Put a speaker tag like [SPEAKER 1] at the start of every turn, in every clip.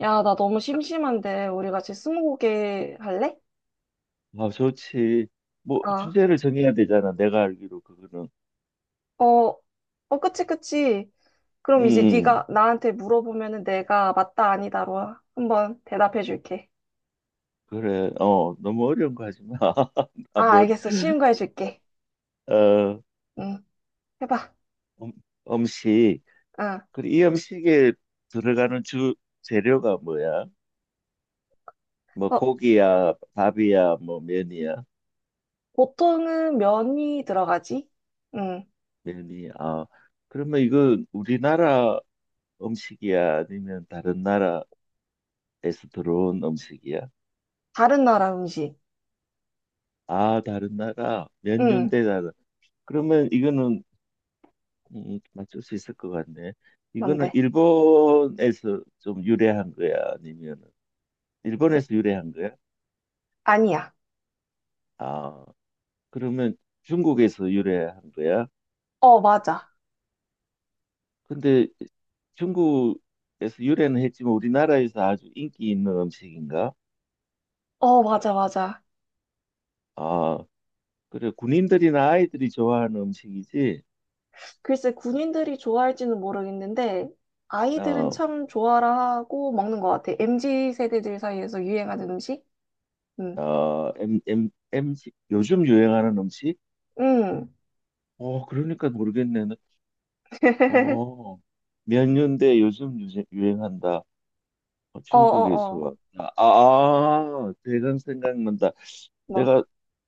[SPEAKER 1] 야, 나 너무 심심한데, 우리 같이 스무고개 할래?
[SPEAKER 2] 아, 좋지. 뭐,
[SPEAKER 1] 아,
[SPEAKER 2] 주제를 정해야 되잖아. 내가 알기로 그거는.
[SPEAKER 1] 어, 그치, 그치.
[SPEAKER 2] 음,
[SPEAKER 1] 그럼 이제
[SPEAKER 2] 음.
[SPEAKER 1] 네가 나한테 물어보면은 내가 맞다, 아니다로 한번 대답해 줄게.
[SPEAKER 2] 그래. 어, 너무 어려운 거 하지 마. 아,
[SPEAKER 1] 아,
[SPEAKER 2] 머리,
[SPEAKER 1] 알겠어. 쉬운 거 해줄게.
[SPEAKER 2] 어,
[SPEAKER 1] 응, 해봐.
[SPEAKER 2] 음, 음식.
[SPEAKER 1] 응.
[SPEAKER 2] 그리고 이 음식에 들어가는 주 재료가 뭐야? 뭐,
[SPEAKER 1] 어,
[SPEAKER 2] 고기야, 밥이야, 뭐, 면이야,
[SPEAKER 1] 보통은 면이 들어가지? 응.
[SPEAKER 2] 면이. 아, 그러면 이건 우리나라 음식이야? 아니면 다른 나라에서 들어온 음식이야?
[SPEAKER 1] 다른 나라 음식.
[SPEAKER 2] 아, 다른 나라. 면년
[SPEAKER 1] 응,
[SPEAKER 2] 대잖 그러면 이거는 맞출 수 있을 것 같네. 이거는
[SPEAKER 1] 뭔데?
[SPEAKER 2] 일본에서 좀 유래한 거야? 아니면
[SPEAKER 1] 응,
[SPEAKER 2] 일본에서 유래한 거야?
[SPEAKER 1] 아니야.
[SPEAKER 2] 아, 그러면 중국에서 유래한 거야?
[SPEAKER 1] 어, 맞아.
[SPEAKER 2] 근데 중국에서 유래는 했지만 우리나라에서 아주 인기 있는 음식인가?
[SPEAKER 1] 어, 맞아, 맞아.
[SPEAKER 2] 아, 그래. 군인들이나 아이들이 좋아하는 음식이지?
[SPEAKER 1] 글쎄, 군인들이 좋아할지는 모르겠는데, 아이들은
[SPEAKER 2] 어,
[SPEAKER 1] 참 좋아라 하고 먹는 것 같아. MZ 세대들 사이에서 유행하는 음식? 음.
[SPEAKER 2] 어, 엠, 엠, 엠지, 요즘 유행하는 음식?
[SPEAKER 1] 음.
[SPEAKER 2] 어, 그러니까 모르겠네. 어, 몇 년대 요즘 유행한다.
[SPEAKER 1] 어,
[SPEAKER 2] 중국에
[SPEAKER 1] 어,
[SPEAKER 2] 서
[SPEAKER 1] 어.
[SPEAKER 2] 왔다. 아, 대강 생각난다.
[SPEAKER 1] 뭐.
[SPEAKER 2] 내가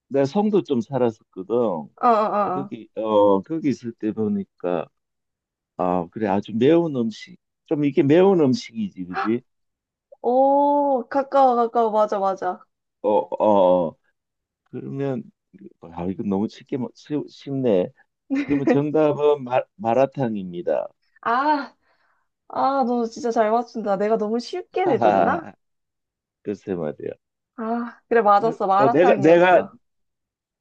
[SPEAKER 2] 내 성도 좀 살았었거든.
[SPEAKER 1] 어, 어, 어. 어.
[SPEAKER 2] 거기 있을 때 보니까 아 그래 아주 매운 음식 좀 이게 매운 음식이지 그지?
[SPEAKER 1] 오, 가까워, 가까워. 맞아, 맞아.
[SPEAKER 2] 어 어. 어. 그러면 아 이거 너무 쉽게 쉽네. 그러면 정답은 마라탕입니다.
[SPEAKER 1] 아, 아, 너 진짜 잘 맞춘다. 내가 너무 쉽게 내줬나?
[SPEAKER 2] 하하 글쎄 말이야.
[SPEAKER 1] 아, 그래,
[SPEAKER 2] 그래,
[SPEAKER 1] 맞았어.
[SPEAKER 2] 어, 내가
[SPEAKER 1] 마라탕이었어.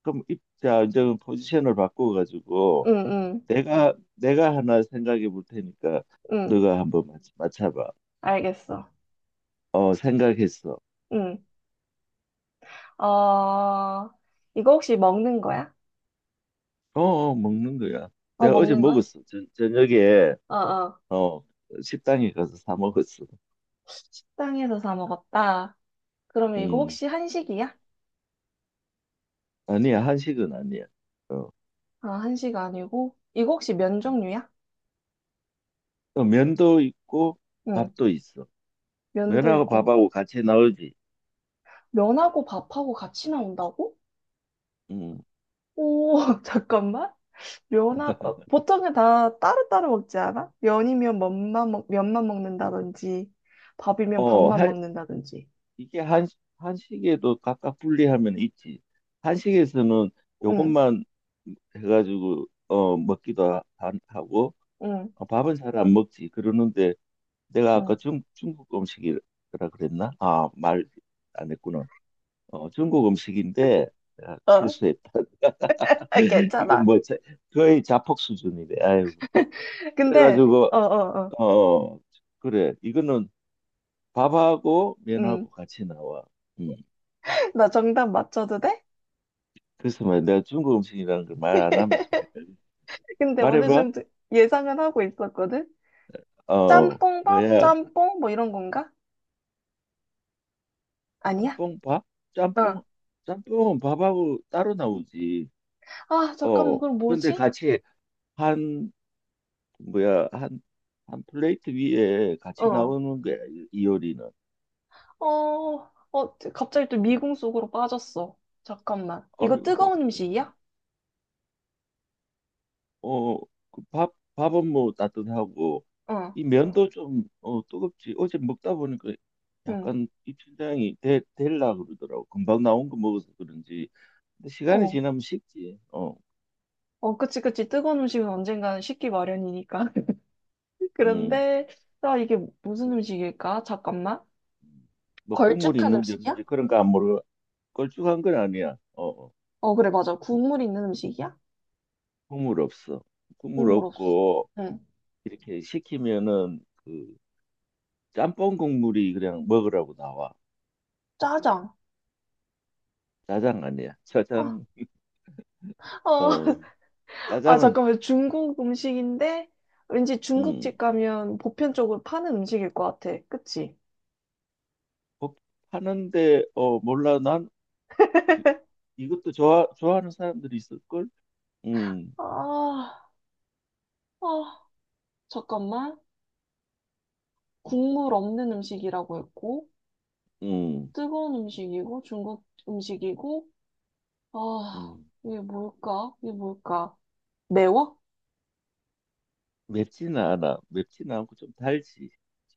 [SPEAKER 2] 그럼 입자 이제 포지션을 바꿔가지고
[SPEAKER 1] 응, 응,
[SPEAKER 2] 내가 하나 생각해 볼 테니까
[SPEAKER 1] 응.
[SPEAKER 2] 너가 한번 맞춰봐.
[SPEAKER 1] 알겠어.
[SPEAKER 2] 어, 생각했어.
[SPEAKER 1] 응. 어, 이거 혹시 먹는 거야?
[SPEAKER 2] 어, 어, 먹는 거야.
[SPEAKER 1] 어,
[SPEAKER 2] 내가 어제
[SPEAKER 1] 먹는 거야?
[SPEAKER 2] 먹었어. 저녁에
[SPEAKER 1] 어어.
[SPEAKER 2] 어, 식당에 가서 사 먹었어.
[SPEAKER 1] 식당에서 사 먹었다. 그러면 이거
[SPEAKER 2] 음.
[SPEAKER 1] 혹시 한식이야?
[SPEAKER 2] 아니야, 한식은 아니야. 어.
[SPEAKER 1] 아, 한식 아니고. 이거 혹시 면 종류야?
[SPEAKER 2] 또 면도 있고
[SPEAKER 1] 응,
[SPEAKER 2] 밥도 있어.
[SPEAKER 1] 면도
[SPEAKER 2] 면하고
[SPEAKER 1] 있고.
[SPEAKER 2] 밥하고 같이 나오지.
[SPEAKER 1] 면하고 밥하고 같이 나온다고?
[SPEAKER 2] 음.
[SPEAKER 1] 오, 잠깐만. 면하고, 보통은 다 따로따로 먹지 않아? 면이면 면만, 면만 먹는다든지, 밥이면
[SPEAKER 2] 어,
[SPEAKER 1] 밥만
[SPEAKER 2] 한
[SPEAKER 1] 먹는다든지.
[SPEAKER 2] 이게 한 한식에도 각각 분리하면 있지. 한식에서는
[SPEAKER 1] 응,
[SPEAKER 2] 요것만 해가지고 먹기도 하고
[SPEAKER 1] 응,
[SPEAKER 2] 어, 밥은 잘 안 먹지. 그러는데 내가 아까
[SPEAKER 1] 응.
[SPEAKER 2] 중국 음식이라 그랬나? 아, 말 안 했구나. 어, 중국 음식인데 내가
[SPEAKER 1] 어,
[SPEAKER 2] 실수했다.
[SPEAKER 1] 아,
[SPEAKER 2] 이건
[SPEAKER 1] 괜찮아.
[SPEAKER 2] 뭐 자- 거의 자폭 수준이네. 아유.
[SPEAKER 1] 근데,
[SPEAKER 2] 그래가지고
[SPEAKER 1] 어.
[SPEAKER 2] 어 어, 그래 이거는 밥하고
[SPEAKER 1] 응.
[SPEAKER 2] 면하고 같이 나와. 음.
[SPEAKER 1] 나 정답 맞춰도 돼?
[SPEAKER 2] 그래서 말 내가 중국 음식이라는 걸 말 안 하면 좀 헷갈려.
[SPEAKER 1] 근데 어느
[SPEAKER 2] 말해봐.
[SPEAKER 1] 정도 예상은 하고 있었거든?
[SPEAKER 2] 어
[SPEAKER 1] 짬뽕밥?
[SPEAKER 2] 뭐야?
[SPEAKER 1] 짬뽕? 뭐 이런 건가? 아니야?
[SPEAKER 2] 짬뽕 밥? 짬뽕
[SPEAKER 1] 어.
[SPEAKER 2] 짬뽕은 밥하고 따로 나오지.
[SPEAKER 1] 아, 잠깐만,
[SPEAKER 2] 어
[SPEAKER 1] 그럼
[SPEAKER 2] 근데
[SPEAKER 1] 뭐지?
[SPEAKER 2] 같이 해. 한 뭐야 한 한 플레이트 위에 같이
[SPEAKER 1] 어.
[SPEAKER 2] 나오는 거야 이 요리는.
[SPEAKER 1] 갑자기 또
[SPEAKER 2] 음.
[SPEAKER 1] 미궁 속으로 빠졌어. 잠깐만. 이거
[SPEAKER 2] 아이고,
[SPEAKER 1] 뜨거운 음식이야?
[SPEAKER 2] 어, 그 밥은 뭐 따뜻하고,
[SPEAKER 1] 어,
[SPEAKER 2] 이 어. 면도 좀, 뜨겁지. 어제 먹다 보니까
[SPEAKER 1] 응,
[SPEAKER 2] 약간 입천장이 될라 그러더라고. 금방 나온 거 먹어서 그런지. 근데 시간이
[SPEAKER 1] 어.
[SPEAKER 2] 지나면 식지. 어,
[SPEAKER 1] 어, 그치, 그치. 뜨거운 음식은 언젠가는 식기 마련이니까.
[SPEAKER 2] 음.
[SPEAKER 1] 그런데, 나 이게 무슨
[SPEAKER 2] 뭐,
[SPEAKER 1] 음식일까? 잠깐만.
[SPEAKER 2] 음, 뭐 국물이
[SPEAKER 1] 걸쭉한
[SPEAKER 2] 있는지
[SPEAKER 1] 음식이야?
[SPEAKER 2] 없는지 그런 거 안 모르고, 걸쭉한 건 아니야. 어, 어,
[SPEAKER 1] 어, 그래, 맞아. 국물 있는 음식이야?
[SPEAKER 2] 국물 없어. 국물
[SPEAKER 1] 국물 없어.
[SPEAKER 2] 없고,
[SPEAKER 1] 응.
[SPEAKER 2] 이렇게 시키면은 그 짬뽕 국물이 그냥 먹으라고 나와.
[SPEAKER 1] 짜장.
[SPEAKER 2] 짜장 아니야.
[SPEAKER 1] 아,
[SPEAKER 2] 짜장
[SPEAKER 1] 어.
[SPEAKER 2] 어
[SPEAKER 1] 아,
[SPEAKER 2] 짜장은
[SPEAKER 1] 잠깐만. 중국 음식인데 왠지
[SPEAKER 2] 음
[SPEAKER 1] 중국집 가면 보편적으로 파는 음식일 것 같아. 그치?
[SPEAKER 2] 복- 하는데 어 몰라 난 이- 이것도 좋아하는 사람들이 있을걸. 음,
[SPEAKER 1] 아, 아, 잠깐만.
[SPEAKER 2] 음,
[SPEAKER 1] 국물 없는 음식이라고 했고,
[SPEAKER 2] 음.
[SPEAKER 1] 뜨거운 음식이고, 중국 음식이고, 아,
[SPEAKER 2] 음.
[SPEAKER 1] 이게 뭘까? 이게 뭘까? 매워?
[SPEAKER 2] 맵지는 않아. 맵지는 않고 좀 달지.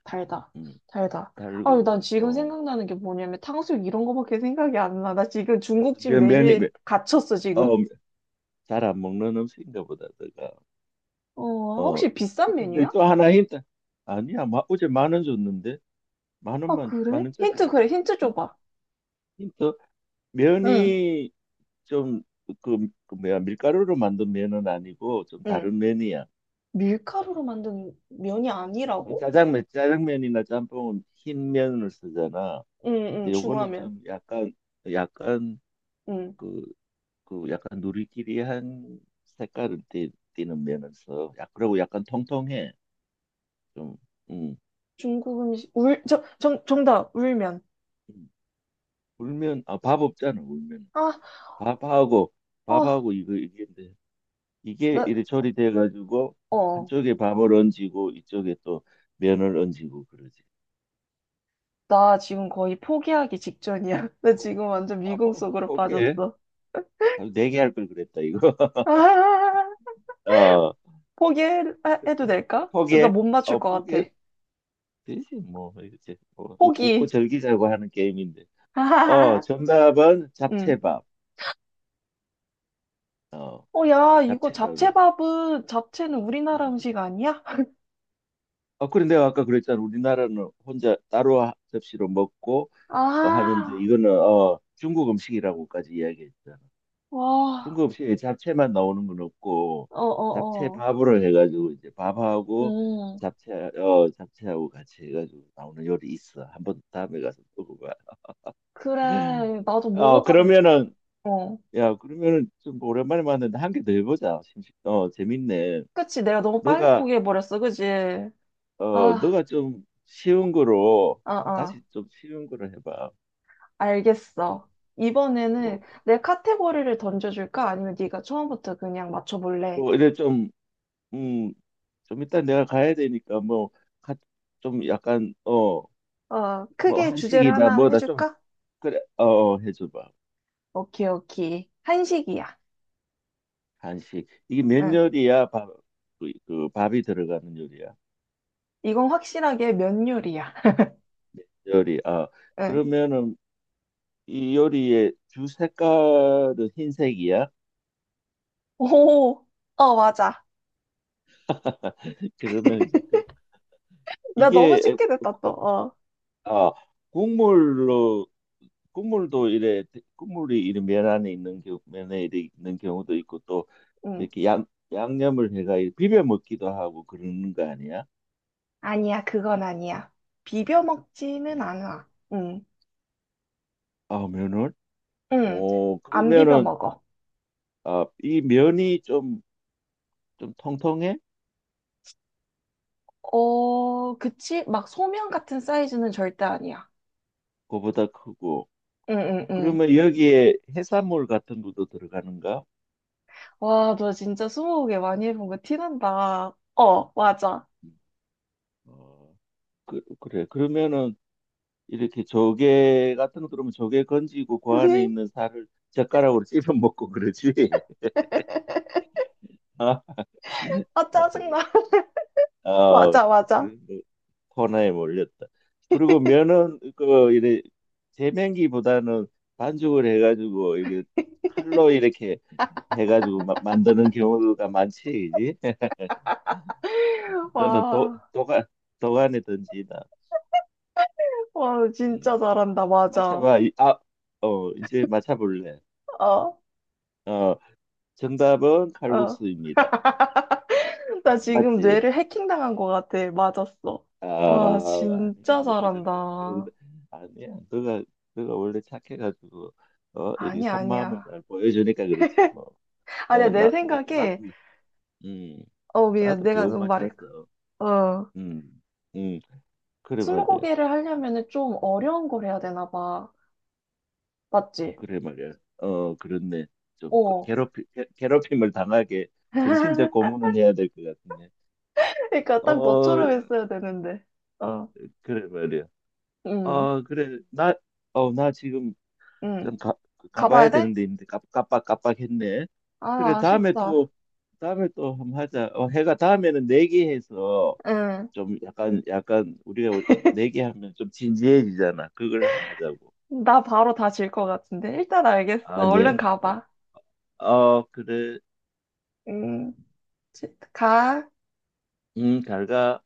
[SPEAKER 1] 달다.
[SPEAKER 2] 음,
[SPEAKER 1] 달다. 아,
[SPEAKER 2] 달고
[SPEAKER 1] 난 지금
[SPEAKER 2] 어
[SPEAKER 1] 생각나는 게 뭐냐면 탕수육 이런 거밖에 생각이 안 나. 나 지금 중국집
[SPEAKER 2] 면이
[SPEAKER 1] 메뉴에 갇혔어, 지금.
[SPEAKER 2] 어, 잘 안 먹는 음식인가 보다 내가
[SPEAKER 1] 어,
[SPEAKER 2] 어
[SPEAKER 1] 혹시 비싼
[SPEAKER 2] 근데
[SPEAKER 1] 메뉴야?
[SPEAKER 2] 또 하나 힌트 아니야 어제 10,000원 줬는데 만
[SPEAKER 1] 아,
[SPEAKER 2] 원만 만
[SPEAKER 1] 그래? 힌트,
[SPEAKER 2] 원짜리야.
[SPEAKER 1] 그래, 힌트
[SPEAKER 2] 음.
[SPEAKER 1] 줘봐.
[SPEAKER 2] 힌트
[SPEAKER 1] 응.
[SPEAKER 2] 면이 좀 뭐야 밀가루로 만든 면은 아니고 좀
[SPEAKER 1] 응.
[SPEAKER 2] 다른 면이야.
[SPEAKER 1] 밀가루로 만든 면이
[SPEAKER 2] 어,
[SPEAKER 1] 아니라고?
[SPEAKER 2] 짜장면이나 짬뽕은 흰 면을 쓰잖아.
[SPEAKER 1] 응,
[SPEAKER 2] 근데
[SPEAKER 1] 응,
[SPEAKER 2] 요거는
[SPEAKER 1] 중화면.
[SPEAKER 2] 좀 약간 약간
[SPEAKER 1] 응.
[SPEAKER 2] 그 그 약간 누리끼리한 색깔을 는 면을 써. 야, 그리고 약간 통통해. 좀 음.
[SPEAKER 1] 중국 음식, 정답, 울면.
[SPEAKER 2] 음. 울면 아 밥 없잖아 울면
[SPEAKER 1] 아,
[SPEAKER 2] 밥하고
[SPEAKER 1] 어,
[SPEAKER 2] 밥하고 이거 이게 이게
[SPEAKER 1] 나,
[SPEAKER 2] 이리저리 돼가지고
[SPEAKER 1] 어,
[SPEAKER 2] 한쪽에 밥을 얹히고 이쪽에 또 면을 얹히고 그러지.
[SPEAKER 1] 나 지금 거의 포기하기 직전이야. 나
[SPEAKER 2] 포-
[SPEAKER 1] 지금 완전
[SPEAKER 2] 아,
[SPEAKER 1] 미궁
[SPEAKER 2] 포,
[SPEAKER 1] 속으로
[SPEAKER 2] 포기해.
[SPEAKER 1] 빠졌어.
[SPEAKER 2] 네 개 할 걸 그랬다 이거.
[SPEAKER 1] 아,
[SPEAKER 2] 어,
[SPEAKER 1] 포기해도 될까? 나
[SPEAKER 2] 포기해.
[SPEAKER 1] 못 맞출
[SPEAKER 2] 어,
[SPEAKER 1] 것
[SPEAKER 2] 포기해.
[SPEAKER 1] 같아.
[SPEAKER 2] 되지 뭐 이렇게 뭐, 웃-
[SPEAKER 1] 포기.
[SPEAKER 2] 웃고 즐기자고 하는 게임인데. 어, 정답은
[SPEAKER 1] 응.
[SPEAKER 2] 잡채밥. 어,
[SPEAKER 1] 어, 야, 이거
[SPEAKER 2] 잡채밥에.
[SPEAKER 1] 잡채밥은, 잡채는 우리나라
[SPEAKER 2] 음.
[SPEAKER 1] 음식 아니야?
[SPEAKER 2] 어, 그래 내가 아까 그랬잖아. 우리나라는 혼자 따로 접시로 먹고 어, 하는데
[SPEAKER 1] 아,
[SPEAKER 2] 이거는 중국 음식이라고까지 이야기했잖아.
[SPEAKER 1] 와,
[SPEAKER 2] 중국식에 잡채만 나오는 건 없고
[SPEAKER 1] 어,
[SPEAKER 2] 잡채
[SPEAKER 1] 어, 어.
[SPEAKER 2] 밥으로 해가지고 이제 밥하고
[SPEAKER 1] 음.
[SPEAKER 2] 잡채 잡채하고 같이 해가지고 나오는 요리 있어. 한번 다음에 가서 먹어봐.
[SPEAKER 1] 그래, 나도
[SPEAKER 2] 어
[SPEAKER 1] 먹어봤는데.
[SPEAKER 2] 그러면은
[SPEAKER 1] 어.
[SPEAKER 2] 야 그러면은 좀 오랜만에 만났는데 한 개 더 해보자. 재밌네.
[SPEAKER 1] 그치, 내가 너무 빨리
[SPEAKER 2] 너가
[SPEAKER 1] 포기해버렸어, 그치?
[SPEAKER 2] 어
[SPEAKER 1] 아,
[SPEAKER 2] 너가 좀 쉬운 거로
[SPEAKER 1] 아,
[SPEAKER 2] 다시 좀 쉬운 거로 해봐.
[SPEAKER 1] 알겠어.
[SPEAKER 2] 뭐,
[SPEAKER 1] 이번에는 내 카테고리를 던져줄까? 아니면 네가 처음부터 그냥 맞춰볼래?
[SPEAKER 2] 뭐 이래 좀 음 좀 일단 내가 가야 되니까 뭐 가, 좀 약간 어
[SPEAKER 1] 어,
[SPEAKER 2] 뭐
[SPEAKER 1] 크게 주제를
[SPEAKER 2] 한식이다
[SPEAKER 1] 하나
[SPEAKER 2] 뭐다
[SPEAKER 1] 해줄까?
[SPEAKER 2] 그래, 어, 어, 해줘봐.
[SPEAKER 1] 오케이, 오케이. 한식이야.
[SPEAKER 2] 간식. 이게 면
[SPEAKER 1] 응.
[SPEAKER 2] 요리야? 그 밥이 들어가는 요리야.
[SPEAKER 1] 이건 확실하게 면 요리야.
[SPEAKER 2] 요리. 아,
[SPEAKER 1] 응.
[SPEAKER 2] 그러면은 이 요리의 주 색깔은 흰색이야?
[SPEAKER 1] 오, 어, 맞아.
[SPEAKER 2] 그러면 이제
[SPEAKER 1] 나 너무
[SPEAKER 2] 이게
[SPEAKER 1] 쉽게 됐다, 또. 어,
[SPEAKER 2] 아, 국물로 국물도 이래 국물이 이런 면 안에 있는 경우 면에 이래 있는 경우도 있고 또
[SPEAKER 1] 응.
[SPEAKER 2] 이렇게 양 양념을 해가 이렇게 비벼 먹기도 하고 그러는 거 아니야?
[SPEAKER 1] 아니야, 그건 아니야. 비벼 먹지는
[SPEAKER 2] 어,
[SPEAKER 1] 않아. 응.
[SPEAKER 2] 아, 면을?
[SPEAKER 1] 응,
[SPEAKER 2] 어,
[SPEAKER 1] 안 비벼
[SPEAKER 2] 그러면은
[SPEAKER 1] 먹어.
[SPEAKER 2] 아, 이 면이 좀 통통해?
[SPEAKER 1] 어, 그치? 막 소면 같은 사이즈는 절대 아니야.
[SPEAKER 2] 그보다 크고.
[SPEAKER 1] 응, 응, 응.
[SPEAKER 2] 그러면 여기에 해산물 같은 것도 들어가는가?
[SPEAKER 1] 와, 너 진짜 스무고개 많이 해본 거 티난다. 어, 맞아.
[SPEAKER 2] 음, 어, 그래. 그러면은 이렇게 조개 같은 거 들으면 조개 건지고 그 안에 있는 살을 젓가락으로 씹어 먹고 그러지. 아,
[SPEAKER 1] 아, 짜증나.
[SPEAKER 2] 어,
[SPEAKER 1] 맞아, 맞아.
[SPEAKER 2] 지금 뭐 코너에 몰렸다. 그리고 면은 그 이래 재면기보다는 반죽을 해가지고 이게 칼로 이렇게 해가지고 만드는 경우가 많지, 이제. 너는 도,
[SPEAKER 1] 와,
[SPEAKER 2] 도가, 도가니 던지다.
[SPEAKER 1] 와, 너
[SPEAKER 2] 음,
[SPEAKER 1] 진짜 잘한다. 맞아.
[SPEAKER 2] 맞춰봐. 아, 어, 이제 맞춰볼래.
[SPEAKER 1] 어,
[SPEAKER 2] 어, 정답은
[SPEAKER 1] 어.
[SPEAKER 2] 칼국수입니다.
[SPEAKER 1] 나 지금
[SPEAKER 2] 맞지?
[SPEAKER 1] 뇌를 해킹당한 것 같아. 맞았어.
[SPEAKER 2] 아,
[SPEAKER 1] 와,
[SPEAKER 2] 아니네.
[SPEAKER 1] 진짜
[SPEAKER 2] 뭐그
[SPEAKER 1] 잘한다.
[SPEAKER 2] 정도? 아니야. 너가 원래 착해가지고, 어, 이렇게
[SPEAKER 1] 아니야,
[SPEAKER 2] 속마음을
[SPEAKER 1] 아니야.
[SPEAKER 2] 잘 보여주니까 그렇지, 뭐.
[SPEAKER 1] 아니야,
[SPEAKER 2] 어,
[SPEAKER 1] 내 생각에,
[SPEAKER 2] 음,
[SPEAKER 1] 어, 미안.
[SPEAKER 2] 나도
[SPEAKER 1] 내가
[SPEAKER 2] 겨우
[SPEAKER 1] 좀 말을,
[SPEAKER 2] 맞췄어.
[SPEAKER 1] 어.
[SPEAKER 2] 음, 음, 그래 말이야.
[SPEAKER 1] 스무고개를 하려면은 좀 어려운 걸 해야 되나 봐. 맞지?
[SPEAKER 2] 그래 말이야. 어, 그렇네. 좀
[SPEAKER 1] 어.
[SPEAKER 2] 괴롭힘을 당하게 정신적 고문을 해야 될 것 같은데.
[SPEAKER 1] 그러니까 딱
[SPEAKER 2] 어,
[SPEAKER 1] 너처럼 했어야 되는데. 어.
[SPEAKER 2] 그래 말이야.
[SPEAKER 1] 응.
[SPEAKER 2] 어, 그래. 나 지금
[SPEAKER 1] 응.
[SPEAKER 2] 좀 가봐야
[SPEAKER 1] 가봐야 돼?
[SPEAKER 2] 되는데 있는데 깜빡깜빡했네. 그래,
[SPEAKER 1] 아,
[SPEAKER 2] 다음에
[SPEAKER 1] 아쉽다.
[SPEAKER 2] 또, 다음에 또 한번 하자. 어, 해가 다음에는 내기해서
[SPEAKER 1] 응.
[SPEAKER 2] 좀 약간 우리가 내기하면 좀 진지해지잖아. 그걸 한번 하자고.
[SPEAKER 1] 나 바로 다 질 것 같은데. 일단 알겠어.
[SPEAKER 2] 아니,
[SPEAKER 1] 얼른 가봐.
[SPEAKER 2] 어, 그래.
[SPEAKER 1] 응. 지- 가.
[SPEAKER 2] 잘 가.